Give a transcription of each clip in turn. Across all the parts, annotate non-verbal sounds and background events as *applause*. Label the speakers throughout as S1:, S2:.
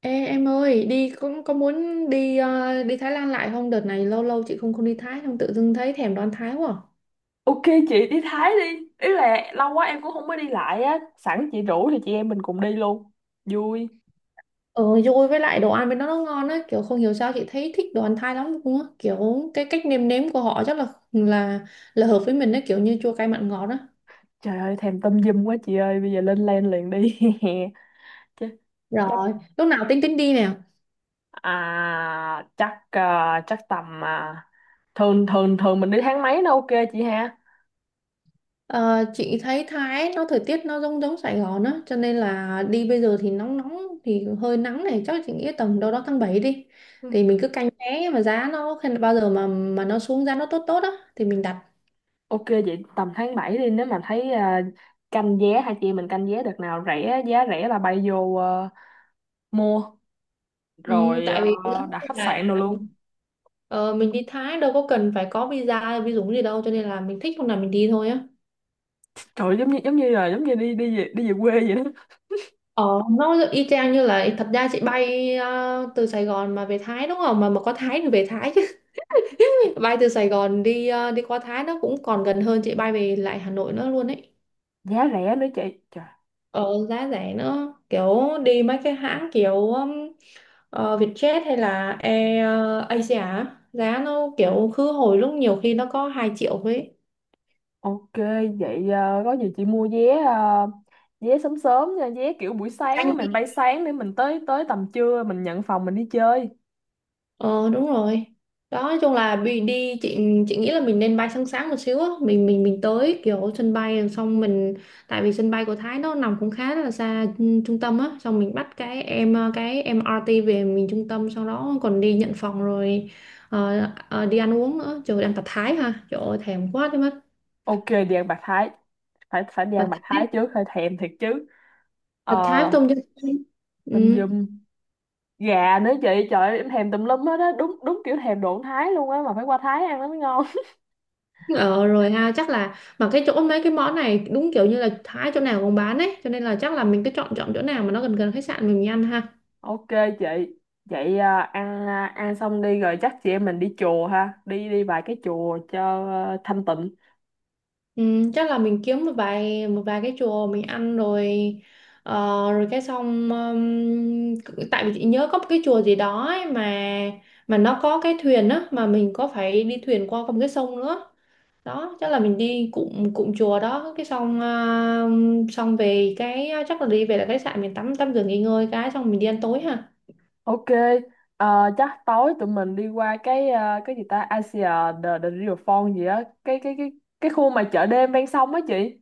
S1: Ê, em ơi, đi cũng có muốn đi đi Thái Lan lại không? Đợt này lâu lâu chị không không đi Thái, không tự dưng thấy thèm đồ ăn Thái quá.
S2: Ok, chị đi Thái đi Ý là lâu quá em cũng không có đi lại á. Sẵn chị rủ thì chị em mình cùng đi luôn. Vui.
S1: Ờ, vui với lại đồ ăn bên đó nó ngon á, kiểu không hiểu sao chị thấy thích đồ ăn Thái lắm luôn á, kiểu cái cách nêm nếm của họ chắc là hợp với mình á, kiểu như chua cay mặn ngọt á.
S2: Trời ơi thèm tâm dâm quá chị ơi. Bây giờ lên lên liền đi. *laughs* Chứ chắc
S1: Rồi, lúc nào tính tính đi nè.
S2: à, Chắc à, chắc tầm à, Thường thường thường mình đi tháng mấy nó ok chị ha.
S1: Ờ, chị thấy Thái nó thời tiết nó giống giống Sài Gòn á cho nên là đi bây giờ thì nóng nóng thì hơi nắng này, chắc chị nghĩ tầm đâu đó tháng 7 đi,
S2: Ừ.
S1: thì mình cứ canh vé mà giá nó bao giờ mà nó xuống giá nó tốt tốt á thì mình đặt.
S2: Ok, vậy tầm tháng 7 đi. Nếu mà thấy à, canh vé. Hai chị em mình canh vé đợt nào rẻ, giá rẻ là bay vô à, mua.
S1: Ừ,
S2: Rồi à,
S1: tại vì giống
S2: đặt
S1: như
S2: khách
S1: là
S2: sạn rồi luôn.
S1: ờ, mình đi Thái đâu có cần phải có visa hay visum gì đâu, cho nên là mình thích hôm nào mình đi thôi á.
S2: Trời, giống như đi đi về quê vậy đó.
S1: Ờ, nó y chang như là, thật ra chị bay từ Sài Gòn mà về Thái đúng không? Mà có Thái thì về Thái chứ. Bay từ Sài Gòn đi đi qua Thái nó cũng còn gần hơn chị bay về lại Hà Nội nữa luôn ấy.
S2: Giá rẻ nữa chị. Trời.
S1: Ờ, giá rẻ nữa, kiểu đi mấy cái hãng kiểu Vietjet hay là Air Asia á, giá nó kiểu khứ hồi lúc nhiều khi nó có 2 triệu ấy.
S2: Ok, vậy có gì chị mua vé, vé sớm sớm nha, vé kiểu buổi sáng á,
S1: Anh.
S2: mình bay sáng để mình tới tới tầm trưa mình nhận phòng mình đi chơi.
S1: Ờ, đúng rồi. Đó, nói chung là bị đi chị nghĩ là mình nên bay sáng sáng một xíu á, mình tới kiểu sân bay rồi xong mình, tại vì sân bay của Thái nó nằm cũng khá là xa trung tâm á, xong mình bắt cái MRT về mình trung tâm, sau đó còn đi nhận phòng rồi ờ, đi ăn uống nữa. Trời ơi, ăn tạt Thái ha. Trời ơi thèm quá đi mất.
S2: Ok, đi ăn bạc thái. Phải phải đi
S1: Tạt
S2: ăn bạc thái
S1: Thái,
S2: trước, hơi thèm thiệt chứ. ờ
S1: tạt Thái với tôm chân.
S2: Tôm
S1: Ừ.
S2: dùm gà nữa chị, trời ơi, em thèm tùm lum hết á, đúng đúng kiểu thèm đồ ăn Thái luôn á, mà phải qua Thái ăn nó mới ngon.
S1: Ờ rồi ha, chắc là mà cái chỗ mấy cái món này đúng kiểu như là Thái chỗ nào cũng bán ấy, cho nên là chắc là mình cứ chọn chọn chỗ nào mà nó gần gần khách sạn mình ăn ha.
S2: *laughs* Ok chị. Vậy à, ăn xong đi rồi chắc chị em mình đi chùa ha, đi đi vài cái chùa cho à, thanh tịnh.
S1: Ừ, chắc là mình kiếm một vài cái chùa mình ăn rồi ờ, rồi cái xong tại vì chị nhớ có một cái chùa gì đó ấy, mà nó có cái thuyền á, mà mình có phải đi thuyền qua con cái sông nữa. Đó, chắc là mình đi cụm cụm chùa đó cái xong xong về cái chắc là đi về là khách sạn mình tắm tắm rửa nghỉ ngơi, cái xong mình đi ăn tối ha.
S2: Ok, chắc tối tụi mình đi qua cái cái gì ta Asia, the Riverfront gì á, cái khu mà chợ đêm ven sông á chị.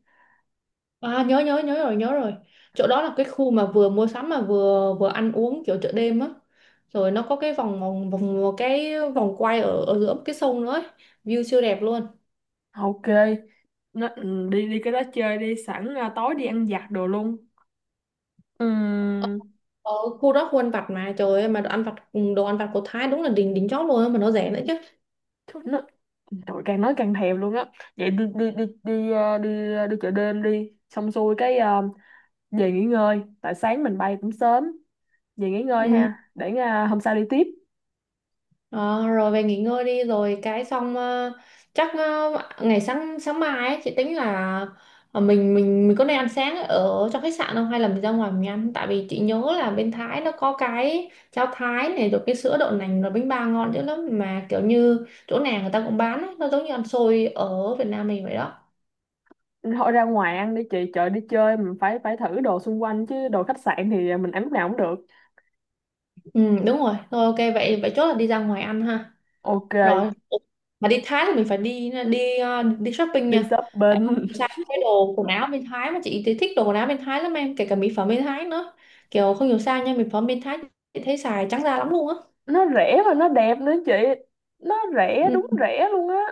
S1: À, nhớ nhớ nhớ rồi, nhớ rồi. Chỗ đó là cái khu mà vừa mua sắm mà vừa vừa ăn uống kiểu chợ đêm á, rồi nó có cái vòng vòng vòng cái vòng quay ở ở giữa cái sông nữa ấy. View siêu đẹp luôn.
S2: Ok, nó, ừ, đi đi cái đó chơi đi, sẵn tối đi ăn vặt đồ luôn. Ừm.
S1: Ở khu đó, khu ăn vặt mà, trời ơi mà đồ ăn vặt, đồ ăn vặt của Thái đúng là đỉnh đỉnh chóp luôn á, mà nó rẻ nữa chứ.
S2: Thôi nó, trời càng nói càng thèm luôn á. Vậy đi đi đi đi ờ, đi đi chợ đêm đi, xong xuôi cái về nghỉ ngơi, tại sáng mình bay cũng sớm, về nghỉ ngơi
S1: Ừ.
S2: ha, để hôm sau đi tiếp.
S1: Ờ, rồi về nghỉ ngơi đi rồi cái xong chắc ngày sáng sáng mai ấy, chị tính là mình có nên ăn sáng ở trong khách sạn không, hay là mình ra ngoài mình ăn, tại vì chị nhớ là bên Thái nó có cái cháo Thái này, rồi cái sữa đậu nành, rồi bánh bao ngon dữ lắm mà kiểu như chỗ nào người ta cũng bán ấy, nó giống như ăn xôi ở Việt Nam mình vậy đó.
S2: Thôi ra ngoài ăn đi chị, chợ đi chơi mình phải phải thử đồ xung quanh chứ, đồ khách sạn thì mình ăn lúc nào cũng được.
S1: Ừ, đúng rồi, thôi ok vậy vậy chốt là đi ra ngoài ăn ha.
S2: Ok,
S1: Rồi. Ủa, mà đi Thái thì mình phải đi đi ờ, đi shopping
S2: đi
S1: nha, tại không
S2: shopping.
S1: sao cái đồ quần áo bên Thái, mà chị thì thích đồ quần áo bên Thái lắm em, kể cả mỹ phẩm bên Thái nữa. Kiểu không hiểu sao nha, mỹ phẩm bên Thái chị thấy xài trắng da lắm luôn á.
S2: *laughs* Nó rẻ và nó đẹp nữa chị, nó rẻ,
S1: Ừ.
S2: đúng rẻ luôn á.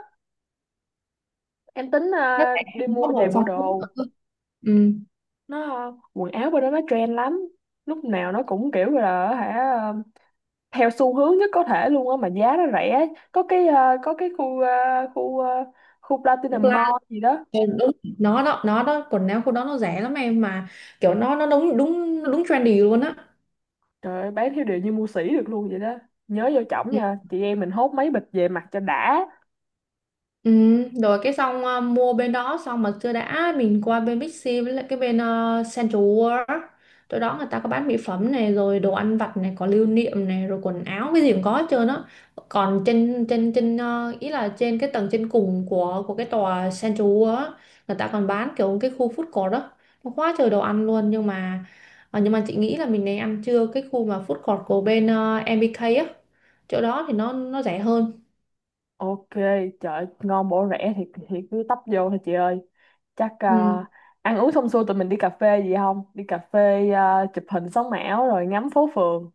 S2: Em tính
S1: Nó
S2: à,
S1: rẻ,
S2: đi
S1: nó có
S2: mua vài
S1: đồ
S2: bộ
S1: phong phú.
S2: đồ.
S1: Ừ.
S2: Nó à, quần áo bên đó nó trend lắm, lúc nào nó cũng kiểu là hả à, theo xu hướng nhất có thể luôn á, mà giá nó rẻ. Có cái à, có cái khu
S1: Thực ra
S2: Platinum Mall gì đó.
S1: là đúng, nó đó quần áo của nó rẻ lắm em, mà kiểu nó đúng đúng đúng trendy luôn á.
S2: Trời ơi, bán theo điều như mua sỉ được luôn vậy đó. Nhớ vô chổng nha, chị em mình hốt mấy bịch về mặt cho đã.
S1: Ừ, rồi cái xong mua bên đó xong mà chưa đã, mình qua bên Bixi với lại cái bên Central World á. Chỗ đó người ta có bán mỹ phẩm này, rồi đồ ăn vặt này, có lưu niệm này, rồi quần áo cái gì cũng có hết trơn á. Còn trên trên trên ờ, ý là trên cái tầng trên cùng của cái tòa Central World á, người ta còn bán kiểu cái khu food court đó, nó quá trời đồ ăn luôn, nhưng mà chị nghĩ là mình nên ăn trưa cái khu mà food court của bên MBK á, chỗ đó thì nó rẻ hơn.
S2: Ok, trời ơi, ngon bổ rẻ thì cứ tấp vô thôi chị ơi. Chắc à,
S1: Ừ.
S2: ăn uống xong xuôi tụi mình đi cà phê gì không? Đi cà phê à, chụp hình sống ảo rồi ngắm phố phường.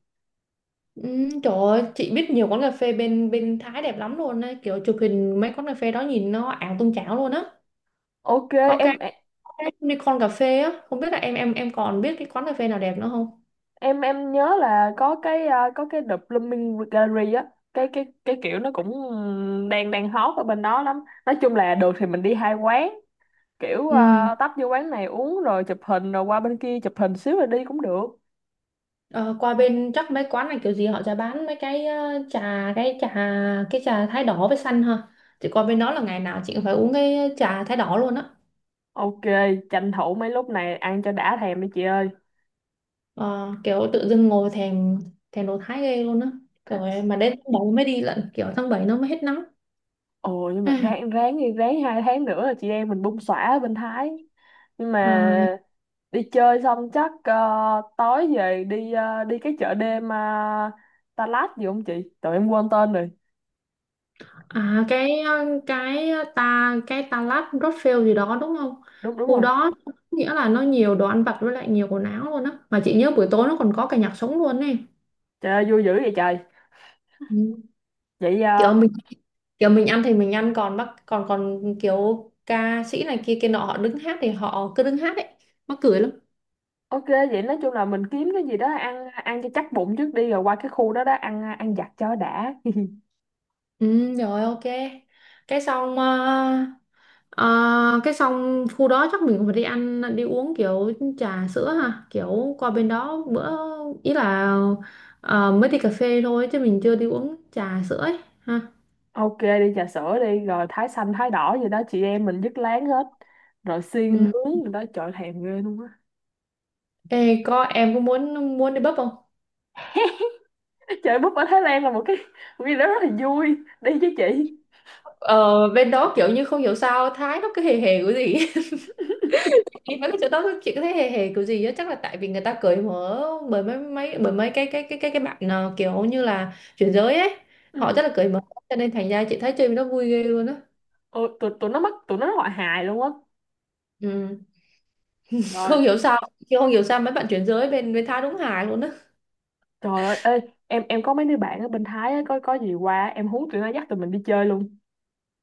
S1: Ừ, trời ơi, chị biết nhiều quán cà phê bên bên Thái đẹp lắm luôn á, kiểu chụp hình mấy quán cà phê đó nhìn nó ảo tung chảo luôn á.
S2: Ok,
S1: có cái,
S2: em
S1: có cái Unicorn cà phê á, không biết là em còn biết cái quán cà phê nào đẹp nữa không.
S2: em nhớ là có cái à, có cái The Blooming Gallery á, cái kiểu nó cũng đang đang hot ở bên đó lắm. Nói chung là được thì mình đi hai quán, kiểu
S1: Ừ.
S2: à, tấp vô quán này uống rồi chụp hình rồi qua bên kia chụp hình xíu rồi đi cũng được.
S1: ờ, Qua bên chắc mấy quán này kiểu gì họ sẽ bán mấy cái trà, cái thái đỏ với xanh ha. Chị qua bên đó là ngày nào chị cũng phải uống cái trà thái đỏ luôn á.
S2: Ok, tranh thủ mấy lúc này ăn cho đã thèm đi chị ơi.
S1: Ờ, Kiểu tự dưng ngồi thèm thèm đồ Thái ghê luôn á, rồi mà đến tháng 7 mới đi lận, kiểu tháng 7 nó mới hết nắng.
S2: Ồ, nhưng mà
S1: Ai.
S2: ráng ráng đi, ráng 2 tháng nữa là chị em mình bung xõa ở bên Thái. Nhưng
S1: Ờ.
S2: mà đi chơi xong chắc tối về đi, đi cái chợ đêm, Đà Lạt gì không chị, tụi em quên tên rồi.
S1: À, cái ờ, ta cái ta lát Rothschild gì đó đúng không?
S2: Đúng đúng
S1: Khu
S2: rồi.
S1: đó nghĩa là nó nhiều đồ ăn vặt với lại nhiều quần áo luôn á. Mà chị nhớ buổi tối nó còn có cả nhạc sống luôn ấy.
S2: Trời ơi, vui dữ vậy trời.
S1: Ừ.
S2: Vậy
S1: Kiểu mình kiểu mình ăn thì mình ăn, còn bác còn còn kiểu ca sĩ này kia kia nọ họ đứng hát thì họ cứ đứng hát ấy. Mắc cười lắm.
S2: ok, vậy nói chung là mình kiếm cái gì đó ăn ăn cho chắc bụng trước đi, rồi qua cái khu đó đó ăn ăn vặt cho đã.
S1: Ừ, rồi ok. Cái xong ờ, Ờ, cái xong khu đó chắc mình cũng phải đi ăn đi uống kiểu trà sữa ha, kiểu qua bên đó bữa, ý là mới đi cà phê thôi chứ mình chưa đi uống trà sữa ấy ha.
S2: Ok, đi trà sữa đi, rồi thái xanh thái đỏ gì đó chị em mình dứt láng hết, rồi xiên
S1: Ừ.
S2: nướng rồi đó, trời thèm ghê luôn á.
S1: Ê, em có muốn muốn đi bắp không?
S2: *laughs* Chơi búp ở Thái Lan là một cái gì đó rất là vui. Đi với chị.
S1: Ờ, bên đó kiểu như không hiểu sao Thái nó cứ hề hề cái gì *laughs* đi mấy cái chỗ đó chị có thấy hề hề kiểu gì á, chắc là tại vì người ta cởi mở, bởi mấy cái bạn kiểu như là chuyển giới ấy, họ
S2: Ừ.
S1: rất là cởi mở, cho nên thành ra chị thấy chơi bên đó vui ghê luôn á.
S2: Ôi, tụi nó mắc, tụi nó gọi hài luôn á.
S1: Ừ.
S2: Rồi,
S1: không hiểu sao không hiểu sao mấy bạn chuyển giới bên bên tha đúng hài luôn á.
S2: trời ơi, ê, em có mấy đứa bạn ở bên Thái á, có gì qua em hú tụi nó dắt tụi mình đi chơi luôn.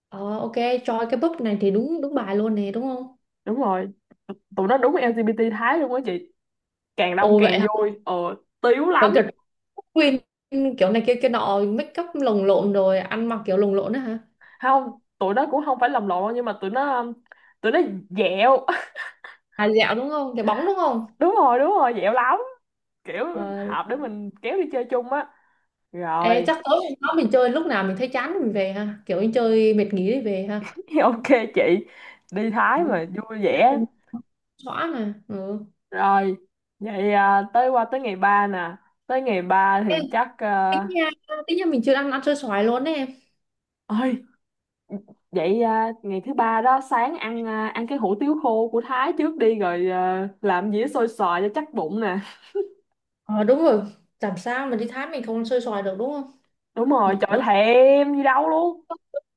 S1: Ờ ok. Choi cái búp này thì đúng đúng bài luôn nè đúng không.
S2: Đúng rồi, tụi tụi nó đúng LGBT Thái luôn á chị, càng đông
S1: Ồ vậy
S2: càng
S1: hả,
S2: vui. Ờ Tiếu
S1: kiểu kiểu
S2: lắm.
S1: queen kiểu này kia kia nọ, make up lồng lộn rồi ăn mặc kiểu lồng lộn á hả.
S2: Không, tụi nó cũng không phải lầm lộn, nhưng mà tụi nó dẹo.
S1: À dạo đúng không, cái bóng đúng không.
S2: Đúng rồi, đúng rồi, dẻo lắm, kiểu
S1: Ờ.
S2: hợp để mình kéo đi chơi chung á.
S1: Ê,
S2: Rồi.
S1: chắc tối hôm đó mình chơi lúc nào mình thấy chán mình về ha, kiểu mình chơi mệt nghỉ thì về ha.
S2: *laughs* Ok chị, đi Thái
S1: Ừ.
S2: mà vui vẻ.
S1: Xóa mà. Ừ.
S2: Rồi vậy à, tới qua tới ngày 3 nè, tới ngày 3
S1: Ê,
S2: thì chắc
S1: tính
S2: à.
S1: nha tính nha mình chưa ăn ăn xôi xoài luôn đấy em.
S2: Ơi, vậy à, ngày thứ ba đó sáng ăn cái hủ tiếu khô của Thái trước đi, rồi à, làm dĩa xôi xoài cho chắc bụng nè.
S1: Ờ đúng rồi, làm sao mà đi Thái mình không ăn xôi xoài được đúng không.
S2: Đúng rồi, trời
S1: Đúng,
S2: thèm gì đâu luôn.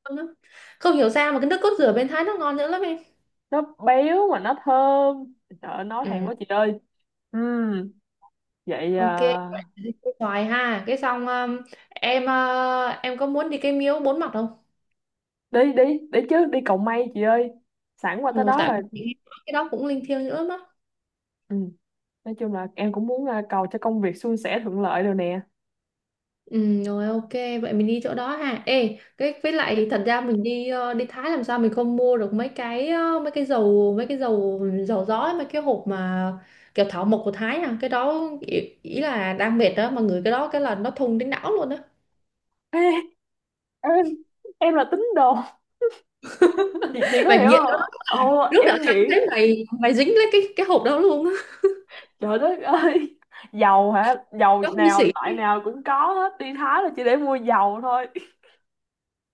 S1: ngon lắm. Không hiểu sao mà cái nước cốt dừa bên Thái nó ngon nữa lắm em.
S2: Nó béo mà nó thơm. Trời ơi, nói thèm
S1: Ừ,
S2: quá chị ơi. Ừ. Vậy
S1: ok. Vậy
S2: à,
S1: thì cái xoài ha cái xong, em có muốn đi cái miếu bốn mặt không.
S2: đi đi đi chứ, đi cầu may chị ơi, sẵn qua tới
S1: Ừ,
S2: đó
S1: tại
S2: rồi.
S1: vì chị nghe nói cái đó cũng linh thiêng nữa mà.
S2: Ừ. Nói chung là em cũng muốn à, cầu cho công việc suôn sẻ thuận lợi rồi nè.
S1: Ừ, rồi ok, vậy mình đi chỗ đó ha. Ê cái với lại thật ra mình đi đi Thái làm sao mình không mua được mấy cái dầu dầu gió ấy, mấy cái hộp mà kiểu thảo mộc của Thái à, cái đó ý là đang mệt đó mà người cái đó cái là nó thùng đến não luôn á.
S2: Ê, em em là tín đồ chị
S1: *laughs*
S2: có
S1: Và
S2: hiểu
S1: nghiện,
S2: không, ồ
S1: lúc đó
S2: em
S1: tao thấy
S2: nghĩ.
S1: mày mày dính lấy cái hộp đó luôn á.
S2: Trời đất ơi, dầu hả, dầu
S1: Nó vô
S2: nào
S1: sỉ.
S2: loại nào cũng có hết, đi Thái là chỉ để mua dầu thôi.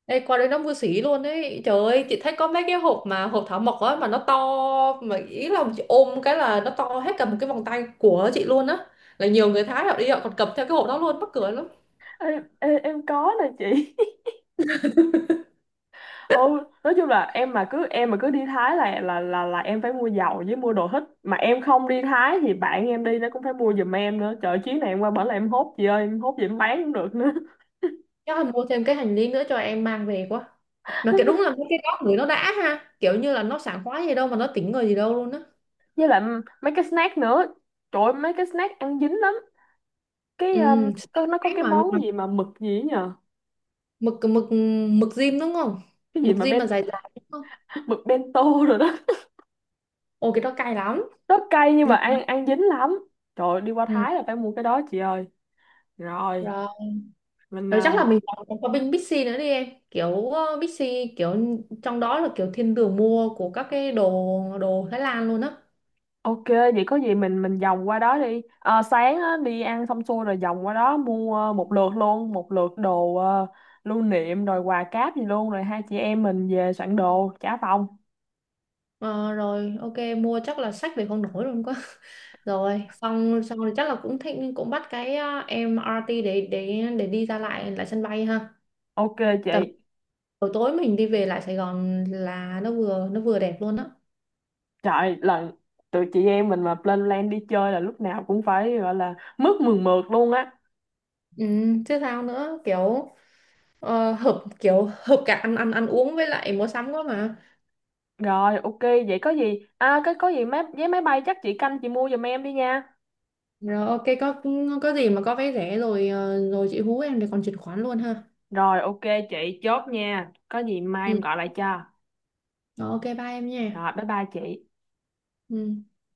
S1: Ê, qua đây nó vô sỉ luôn ấy, trời ơi chị thấy có mấy cái hộp mà hộp thảo mộc á mà nó to, mà ý là chị ôm cái là nó to hết cả một cái vòng tay của chị luôn á, là nhiều người Thái họ đi họ còn cầm theo cái hộp đó luôn, mắc cười lắm.
S2: Ê, ê, em có nè chị. Ừ. Nói chung là em mà cứ đi Thái là em phải mua dầu với mua đồ hít. Mà em không đi Thái thì bạn em đi nó cũng phải mua giùm em nữa. Trời, chuyến này em qua bển là em hốt gì ơi, em hốt gì em bán cũng được nữa.
S1: Chắc là mua thêm cái hành lý nữa cho em mang về quá. Mà cái đúng là mấy cái đó người nó đã ha, kiểu như là nó sảng khoái gì đâu mà nó tỉnh người gì đâu luôn á.
S2: *laughs* Với lại mấy cái snack nữa, trời ơi, mấy cái snack ăn dính lắm. Cái
S1: Ừ.
S2: có nó có
S1: Cái
S2: cái
S1: mà
S2: món gì mà mực gì ấy nhờ,
S1: mực, mực diêm đúng không,
S2: cái gì
S1: mực
S2: mà
S1: diêm mà
S2: ben.
S1: dài dài đúng không.
S2: *laughs* Mực bento rồi đó.
S1: Ôi cái đó cay lắm.
S2: *laughs* Rất cay nhưng mà
S1: Ừ.
S2: ăn ăn dính lắm. Trời ơi, đi qua
S1: Ừ.
S2: Thái là phải mua cái đó chị ơi. Rồi
S1: Rồi.
S2: mình
S1: Rồi
S2: à.
S1: chắc là mình còn còn có bên Bixi nữa đi em. Kiểu Bixi kiểu trong đó là kiểu thiên đường mua của các cái đồ đồ Thái Lan luôn á.
S2: Ok, vậy có gì mình vòng qua đó đi. Ờ, sáng á, đi ăn xong xuôi rồi vòng qua đó mua một lượt luôn, một lượt đồ lưu niệm rồi quà cáp gì luôn, rồi hai chị em mình về soạn đồ trả phòng.
S1: Ờ, rồi ok, mua chắc là sách về không nổi luôn quá. *laughs* Rồi xong xong rồi, chắc là cũng thích cũng bắt cái MRT để đi ra lại lại sân bay ha.
S2: Ok
S1: Tầm
S2: chị.
S1: buổi tối mình đi về lại Sài Gòn là nó vừa đẹp luôn á.
S2: Trời, lần tụi chị em mình mà lên plan đi chơi là lúc nào cũng phải gọi là mướt mượt mượt luôn á.
S1: Ừ, chứ sao nữa, kiểu. Ờ, hợp cả ăn ăn ăn uống với lại mua sắm quá mà.
S2: Rồi ok, vậy có gì? À cái có gì máy vé máy bay chắc chị canh chị mua giùm em đi nha.
S1: Rồi ok, có gì mà có vé rẻ rồi rồi chị hú em để còn chuyển khoản luôn ha.
S2: Rồi ok chị chốt nha. Có gì mai
S1: Ừ.
S2: em gọi lại cho.
S1: Rồi, ok bye em nha.
S2: Rồi bye bye chị.
S1: Ừ.